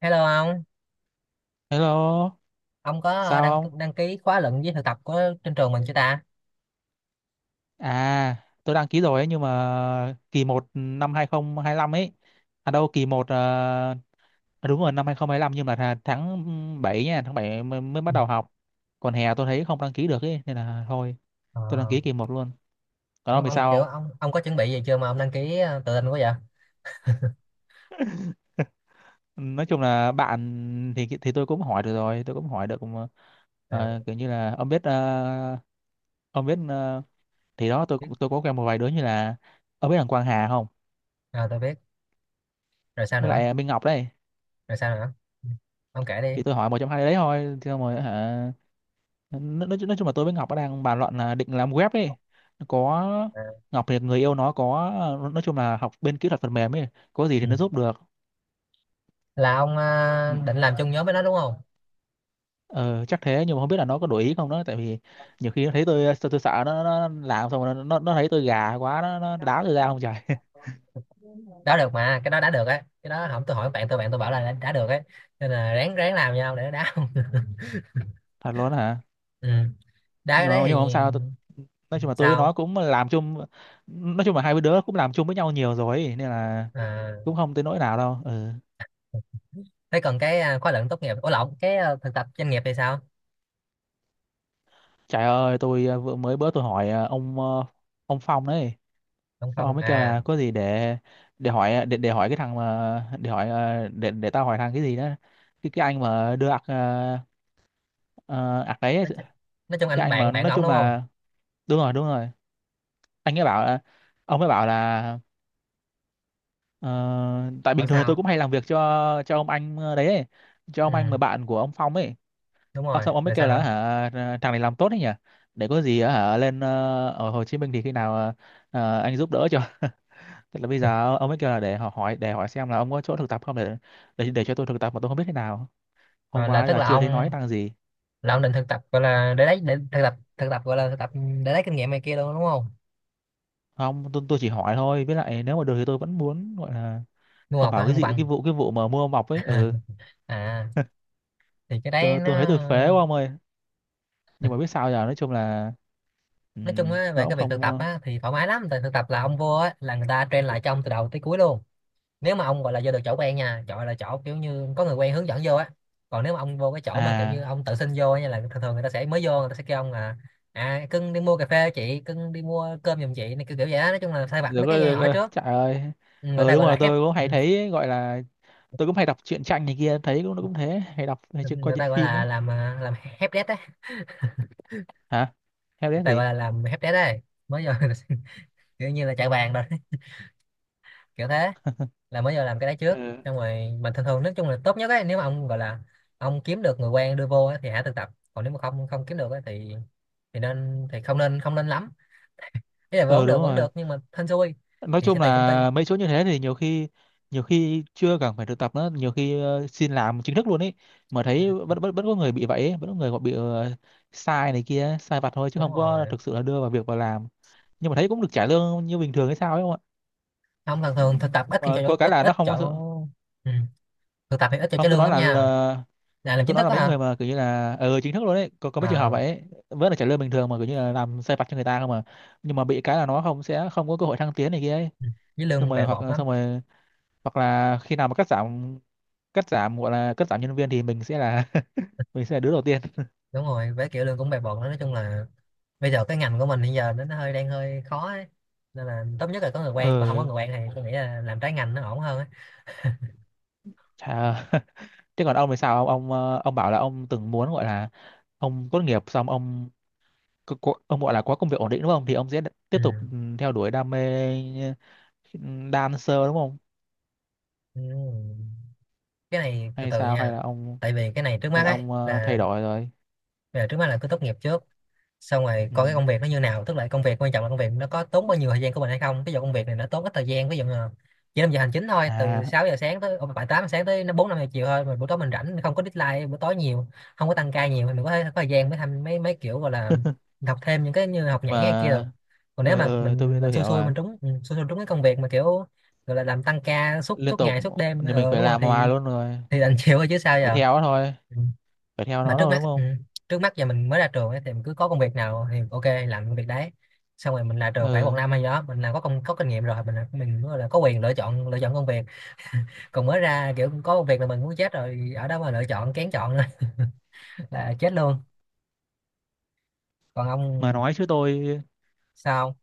Hello Hello, ông có sao đăng không? đăng ký khóa luận với thực tập của trên trường mình chưa ta? À, tôi đăng ký rồi ấy, nhưng mà kỳ một năm 2025 ấy. À đâu, kỳ một đúng rồi năm 2025 nhưng mà là tháng 7 nha, tháng 7 mới bắt Ừ. đầu học. Còn hè tôi thấy không đăng ký được ấy nên là thôi, Ờ, tôi đăng ký kỳ một luôn. Còn ông ông, thì ông kiểu sao ông có chuẩn bị gì chưa mà ông đăng ký tự tin quá vậy? không? Nói chung là bạn thì tôi cũng hỏi được rồi, tôi cũng hỏi được mà. Ờ, Ờ, kiểu như là ông biết ờ, thì đó biết. Tôi có quen một vài đứa như là ông biết thằng Quang Hà không? À, tôi biết. Rồi sao Với nữa? lại Minh Ngọc đấy, Rồi sao nữa? Ừ. Ông kể thì đi. tôi hỏi một trong hai đấy thôi thì xong rồi hả. nói, nói chung là tôi với Ngọc nó đang bàn luận là định làm web ấy. Nó có, À, Ngọc thì người yêu nó có, nói chung là học bên kỹ thuật phần mềm ấy, có gì thì ừ. nó giúp được. Là ông Ừ, định làm chung nhóm với nó đúng không? ờ, chắc thế nhưng mà không biết là nó có đổi ý không đó, tại vì nhiều khi nó thấy tôi sợ nó làm xong rồi nó thấy tôi gà quá nó đá tôi ra không trời Đó được mà, cái đó đã được á. Cái đó không, tôi hỏi bạn tôi, bạn tôi bảo là đã được ấy. Nên là ráng ráng làm nhau để đá. thật luôn đó hả. Ừ. Đá cái nhưng mà đấy thì nhưng mà không sao tôi, nói chung là tôi với nó sao? cũng làm chung, nói chung là hai đứa cũng làm chung với nhau nhiều rồi ấy, nên là À, cũng không tới nỗi nào đâu ừ. thế còn cái à, khóa luận tốt nghiệp, ủa lộn cái à, thực tập doanh nghiệp thì sao? Trời ơi, tôi vừa mới bữa tôi hỏi ông Phong đấy. Không Xong ông không mới kêu à. là có gì để để hỏi cái thằng mà để hỏi để tao hỏi thằng cái gì đó. Cái anh mà đưa ạc đấy, ấy, Nói, chu-, nói chung cái anh anh mà bạn bạn nói ổng chung đúng không? là đúng rồi, đúng rồi. Anh ấy bảo là Ông ấy bảo là ờ, tại Ở bình thường thì tôi sao? cũng hay làm việc cho ông anh ờ, đấy ấy, cho Ừ ông anh mà bạn của ông Phong ấy. đúng Ờ, rồi, xong ông mới rồi kêu sao là nữa? hả, ờ, thằng này làm tốt đấy nhỉ. Để có gì hả lên ở Hồ Chí Minh thì khi nào ờ, anh giúp đỡ cho. Tức là bây giờ ông ấy kêu là để họ hỏi, để hỏi xem là ông có chỗ thực tập không để để cho tôi thực tập mà tôi không biết thế nào. Hôm Ờ, là qua tức giờ là chưa thấy nói ông, năng gì. là ông định thực tập gọi là để lấy, để thực tập gọi là thực tập để lấy kinh nghiệm này kia luôn đúng không? Không, tôi chỉ hỏi thôi. Với lại nếu mà được thì tôi vẫn muốn gọi là Du ông học hả? bảo cái Không gì bằng cái vụ mà mua mọc ấy, ừ, à, thì cái đấy tôi thấy nó, tôi phế quá ông ơi. Nhưng mà biết sao giờ, nói chung là nói chung á nó về cũng cái việc thực không tập á thì thoải mái lắm, tại thực tập là ừm. ông vô á là người ta train lại cho ông từ đầu tới cuối luôn. Nếu mà ông gọi là vô được chỗ quen nha, chỗ là chỗ kiểu như có người quen hướng dẫn vô á. Còn nếu mà ông vô cái chỗ mà kiểu như À ông tự xin vô á nha là thường thường người ta sẽ, mới vô người ta sẽ kêu ông là à, cưng đi mua cà phê chị, cưng đi mua cơm giùm chị này, kiểu kiểu vậy đó, nói chung là sai vặt được mấy rồi, cái nhỏ được nhỏ rồi. trước. Trời ơi. Ừ, người Ừ ta đúng gọi là rồi, hép tôi cũng ừ. hay thấy ấy, gọi là tôi cũng hay đọc truyện tranh này kia, thấy cũng nó cũng thế, hay đọc hay coi Người trên ta gọi phim ấy. là làm, à, làm hép đét á, Hả? Theo người đấy ta gọi gì? là làm hép đét đấy, mới vô kiểu như là chạy bàn rồi, kiểu thế, là mới giờ làm cái đấy trước, Ừ. xong rồi. Mà thường thường nói chung là tốt nhất ấy, nếu mà ông gọi là ông kiếm được người quen đưa vô ấy, thì hãy thực tập. Còn nếu mà không không kiếm được ấy, thì nên, thì không nên lắm, ý là Ừ đúng vẫn rồi. được nhưng mà hên xui, Nói thì sẽ chung tùy công ty. là mấy chỗ như thế thì nhiều khi, nhiều khi chưa cần phải thực tập nữa, nhiều khi xin làm chính thức luôn ấy, mà Ừ, thấy vẫn vẫn vẫn có người bị vậy ấy. Vẫn có người gọi bị sai này kia, sai vặt thôi chứ đúng không có rồi, thực sự là đưa vào việc vào làm, nhưng mà thấy cũng được trả lương như bình thường hay sao ấy không ạ. không thường Ừ, thường thực tập ít nhưng khi mà cho, có cái ít là nó ít không chỗ. có sự, Ừ. Thực tập thì ít cho cái không tôi lương nói lắm nha, là là làm tôi chính nói thức là đó mấy hả? người mà kiểu như là ừ, chính thức luôn ấy, có mấy trường hợp À, vậy ấy. Vẫn là trả lương bình thường mà kiểu như là làm sai vặt cho người ta không mà, nhưng mà bị cái là nó không, sẽ không có cơ hội thăng tiến này kia ấy, ừ. Với lương bè bọt lắm, xong rồi hoặc là khi nào mà cắt giảm, gọi là cắt giảm nhân viên thì mình sẽ là mình sẽ là đứa đầu tiên. đúng rồi. Với kiểu lương cũng bè bọt đó, nói chung là bây giờ cái ngành của mình hiện giờ nó hơi đang hơi khó ấy. Nên là tốt nhất là có người quen, còn không có Ờ người quen thì tôi nghĩ là làm trái ngành nó ổn hơn ấy. chà thế còn ông thì sao, ông bảo là ông từng muốn gọi là ông tốt nghiệp xong ông ông gọi là có công việc ổn định đúng không, thì ông sẽ tiếp Ừ. tục ừ, theo đuổi đam mê ừ, dancer đúng không, Ừ. Cái này từ hay từ sao, nha, tại vì cái này trước mắt hay là ấy ông thay là, đổi rồi. bây giờ trước mắt là cứ tốt nghiệp trước, xong rồi Ừ. coi cái công việc nó như nào, tức là công việc quan trọng là công việc nó có tốn bao nhiêu thời gian của mình hay không. Ví dụ công việc này nó tốn ít thời gian, ví dụ là chỉ năm giờ hành chính thôi, từ À 6 giờ sáng tới bảy tám giờ sáng tới nó bốn năm giờ chiều thôi, mà buổi tối mình rảnh, không có deadline buổi tối nhiều, không có tăng ca nhiều thì mình có, thể, có thời gian mới tham mấy mấy kiểu gọi là học thêm những cái như nhưng học nhảy hay kia được. mà Còn nếu mà ờ tôi biết mình tôi xui hiểu xui mà. mình trúng, ừ, xui xui trúng cái công việc mà kiểu gọi là làm tăng ca suốt Liên suốt tục ngày suốt đêm, thì mình ờ phải đúng rồi làm hoài luôn rồi, thì đành chịu thôi chứ sao phải giờ. theo nó thôi, Ừ, phải theo mà nó trước thôi mắt, đúng ừ, không. trước mắt giờ mình mới ra trường ấy, thì mình cứ có công việc nào thì ok làm công việc đấy, xong rồi mình ra trường khoảng một Ờ, năm hay gì đó mình là có công, có kinh nghiệm rồi, mình là- mình gọi là có quyền lựa chọn, lựa chọn công việc. Còn mới ra kiểu có công việc là mình muốn chết rồi, ở đó mà lựa chọn kén chọn nữa là chết luôn. Còn mà ông nói chứ tôi, sao?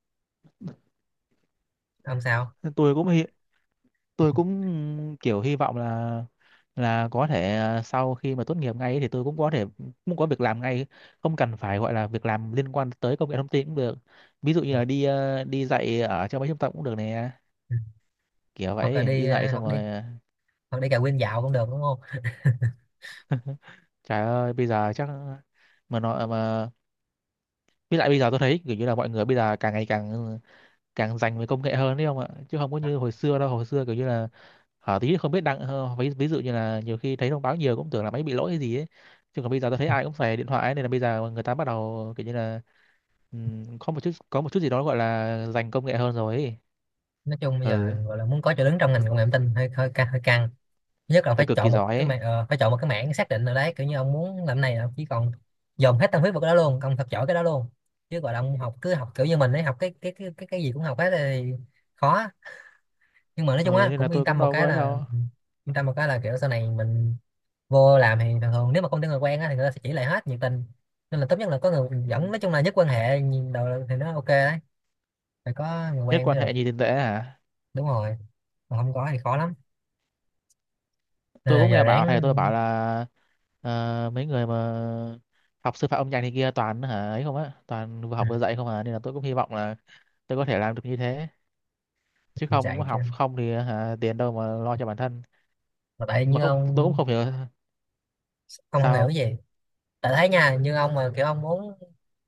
Ông sao? tôi cũng hi- tôi cũng kiểu hy vọng là có thể à, sau khi mà tốt nghiệp ngay ấy thì tôi cũng có thể cũng có việc làm ngay, không cần phải gọi là việc làm liên quan tới công nghệ thông tin cũng được. Ví dụ như là đi đi dạy ở trong mấy trung tâm cũng được nè, Ừ. kiểu Hoặc là vậy đi đi dạy xong hoặc đi, rồi à, hoặc đi cà quên dạo cũng được đúng không? trời ơi bây giờ chắc mà nó mà, với lại bây giờ tôi thấy kiểu như là mọi người bây giờ càng ngày càng càng dành về công nghệ hơn đấy không ạ, chứ không có như hồi xưa đâu. Hồi xưa kiểu như là ờ, tí không biết ví dụ như là nhiều khi thấy thông báo nhiều cũng tưởng là máy bị lỗi hay gì ấy, chứ còn bây giờ tôi thấy ai cũng xài điện thoại ấy, nên là bây giờ người ta bắt đầu kiểu như là có một chút gì đó gọi là dành công nghệ hơn rồi ấy. Nói chung bây giờ Ừ, gọi là muốn có chỗ đứng trong ngành công nghệ thông tin hơi hơi căng hơi căng, nhất là phải phải cực kỳ chọn một giỏi cái ấy. mảng, ờ, phải chọn một cái mảng xác định nào đấy kiểu như ông muốn làm này là ông chỉ còn dồn hết tâm huyết vào cái đó luôn, ông thật giỏi cái đó luôn. Chứ gọi là ông học cứ học kiểu như mình ấy, học cái gì cũng học hết thì khó. Nhưng mà nói chung Ừ, á nên là cũng yên tôi cũng tâm một đâu có cái ấy là, đâu. yên tâm một cái là kiểu sau này mình vô làm thì thường thường nếu mà không có người quen á thì người ta sẽ chỉ lại hết nhiệt tình. Nên là tốt nhất là có người Ừ. dẫn, nói chung là nhất quan hệ nhìn đầu thì nó ok đấy, phải có người Nhất quen quan mới được, hệ nhìn tiền tệ hả. đúng rồi, mà không có thì khó lắm, nên Tôi là cũng giờ nghe bảo ráng. thầy tôi bảo là ờ, mấy người mà học sư phạm âm nhạc này kia toàn hả ấy không á, toàn vừa học vừa dạy không à, nên là tôi cũng hy vọng là tôi có thể làm được như thế, chứ Ừ, không chạy chứ, học không thì hả tiền đâu mà lo cho bản thân. mà tại Mà như không tôi cũng ông không hiểu ông không hiểu sao. gì. Tại thấy nha, như ông mà kiểu ông muốn,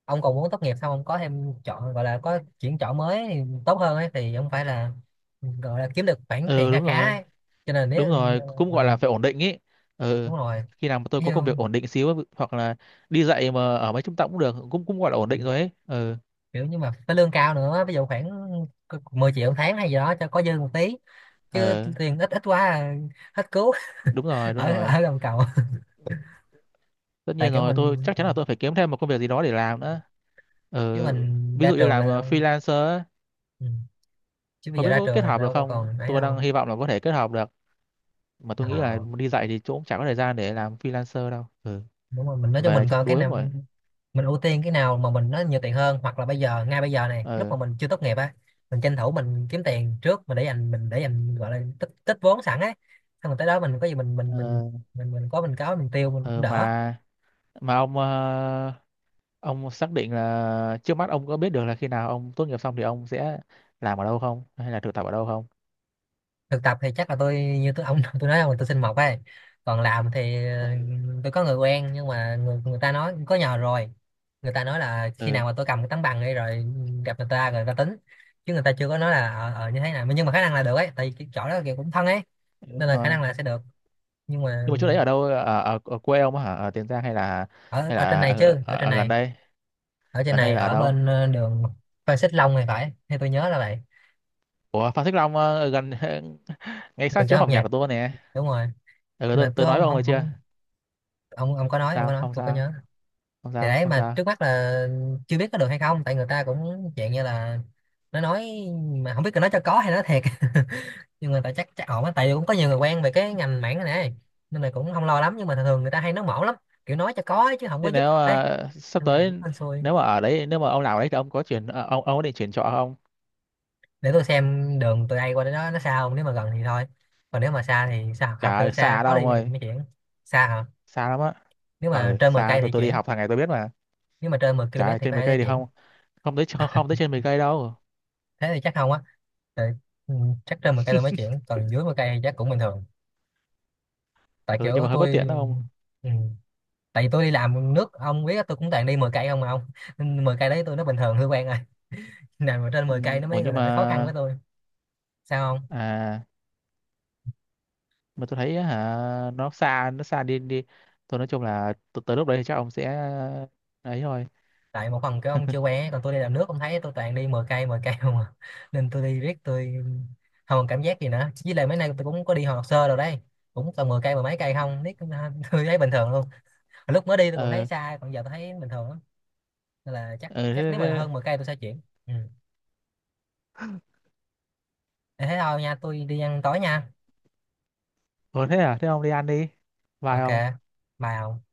ông còn muốn tốt nghiệp xong ông có thêm chọn gọi là có chuyển chọn mới thì tốt hơn ấy thì ông phải là, gọi là kiếm được khoản tiền Ừ khá đúng khá rồi, ấy. Cho nên đúng nếu rồi cũng gọi là ờ, phải ổn định ý. Ừ, đúng rồi, khi nào mà tôi ví có dụ, công việc ổn định xíu, hoặc là đi dạy mà ở mấy trung tâm cũng được, cũng cũng gọi là ổn định rồi ấy ừ. kiểu nhưng mà phải lương cao nữa, ví dụ khoảng 10 triệu một tháng hay gì đó cho có dư một tí, chứ Ừ tiền ít ít quá à, hết cứu. đúng rồi, đúng Ở, rồi, ở gầm cầu, tất tại nhiên kiểu rồi tôi mình, chắc chắn là tôi phải kiếm thêm một công việc gì đó để làm nữa. chứ Ừ, mình ví ra dụ như trường làm là đâu, freelancer á, ừ. Chứ bây không giờ biết ra có trường kết là hợp được đâu có không, còn ấy tôi đâu. đang hy vọng là có thể kết hợp được. Mà tôi nghĩ là Ờ. đi dạy thì chỗ cũng chả có thời gian để làm freelancer đâu ừ. Đúng rồi, mình nói cho Về mình chắc coi cái đuối lắm nào, rồi. mình ưu tiên cái nào mà mình nó nhiều tiền hơn, hoặc là bây giờ ngay bây giờ này, lúc Ừ mà mình chưa tốt nghiệp á, mình tranh thủ mình kiếm tiền trước, mình để dành, mình để dành gọi là tích tích vốn sẵn ấy, xong rồi tới đó mình có gì mình mình mình ờ, mình mình có, mình có mình tiêu mình cũng ờ, đỡ. mà mà ông ông xác định là trước mắt ông có biết được là khi nào ông tốt nghiệp xong thì ông sẽ làm ở đâu không, hay là thực tập ở đâu không. Thực tập thì chắc là tôi, như tôi ông tôi nói là tôi xin mộc ấy. Còn làm thì tôi có người quen nhưng mà người người ta nói có nhờ rồi. Người ta nói là khi Ừ nào mà tôi cầm cái tấm bằng đi rồi gặp người ta rồi người ta tính, chứ người ta chưa có nói là ở như thế nào, nhưng mà khả năng là được ấy, tại vì cái chỗ đó kiểu cũng thân ấy, nên đúng là khả rồi, năng là sẽ được. Nhưng nhưng mà mà chỗ đấy ở đâu, ở quê ông á hả, ở Tiền Giang hay là, ở, ở trên này chứ, ở trên ở gần này, đây. ở trên Gần này, đây là ở ở đâu. bên đường Phan Xích Long này phải, hay tôi nhớ là vậy. Ủa Phan Xích Long ở gần ngay Gần sát chỗ chỗ học học nhạc nhạc, của tôi nè. đúng rồi. Ừ, Mà tôi tôi nói không với ông rồi không chưa. không ông ông có nói, ông có Sao nói không tôi có sao, nhớ. không Thì sao đấy, không mà sao. trước mắt là chưa biết có được hay không, tại người ta cũng dạng như là nó nói, mà không biết là nói cho có hay nói thiệt. Nhưng mà tại chắc chắc ổn á, tại vì cũng có nhiều người quen về cái ngành mảng này này, nên là cũng không lo lắm, nhưng mà thường thường người ta hay nói mỏ lắm, kiểu nói cho có ấy, chứ không có Thế giúp nếu thật ấy. Sắp Nên là tới, cũng hên xui. nếu mà ở đấy, nếu mà ông làm ở đấy thì ông có chuyển ông có định chuyển trọ không. Để tôi xem đường từ đây qua đến đó nó xa không, nếu mà gần thì thôi, còn nếu mà xa thì xa hoặc là Chả xa xa khó đâu ông đi thì ơi, mới chuyển. Xa hả? xa lắm á. Nếu mà Ờ trên 10 xa, cây thì tôi đi chuyển, học hàng ngày tôi biết mà. nếu mà trên 10 Trời km ơi, thì trên có 10 thể sẽ cây thì chuyển. không, không tới, không, không tới trên 10 cây đâu. Thế thì chắc không á, tại, ừ, chắc trên 10 cây tôi mới chuyển, còn dưới 10 cây chắc cũng bình thường. Tại Ừ nhưng kiểu mà hơi bất tôi, tiện đó không. ừ, tại vì tôi đi làm nước ông biết á, tôi cũng toàn đi 10 cây không mà ông. Nên 10 cây đấy tôi nó bình thường hơi quen rồi. Nào mà trên Ừ, 10 cây nó ủa mới nhưng gọi là nó khó khăn với mà tôi. Sao không? à, mà tôi thấy á hả nó xa, nó xa đi đi. Tôi nói chung là tới lúc đấy thì chắc ông sẽ ấy thôi. Tại một phần cái ông chưa quen ấy, còn tôi đi làm nước ông thấy tôi toàn đi 10 cây 10 cây không à. Nên tôi đi riết tôi không còn cảm giác gì nữa, với lại mấy nay tôi cũng có đi học Sơ rồi đấy, cũng toàn 10 cây 10 mấy cây không biết. Tôi thấy bình thường luôn, lúc mới đi tôi còn thấy Ờ xa, còn giờ tôi thấy bình thường lắm. Nên là chắc ờ chắc thế, nếu mà thế, hơn 10 cây tôi sẽ chuyển. Ừ. Để thế thôi nha, tôi đi ăn tối nha. ủa, thế à, thế ông đi ăn đi. Bye Ok, ông. bye ông.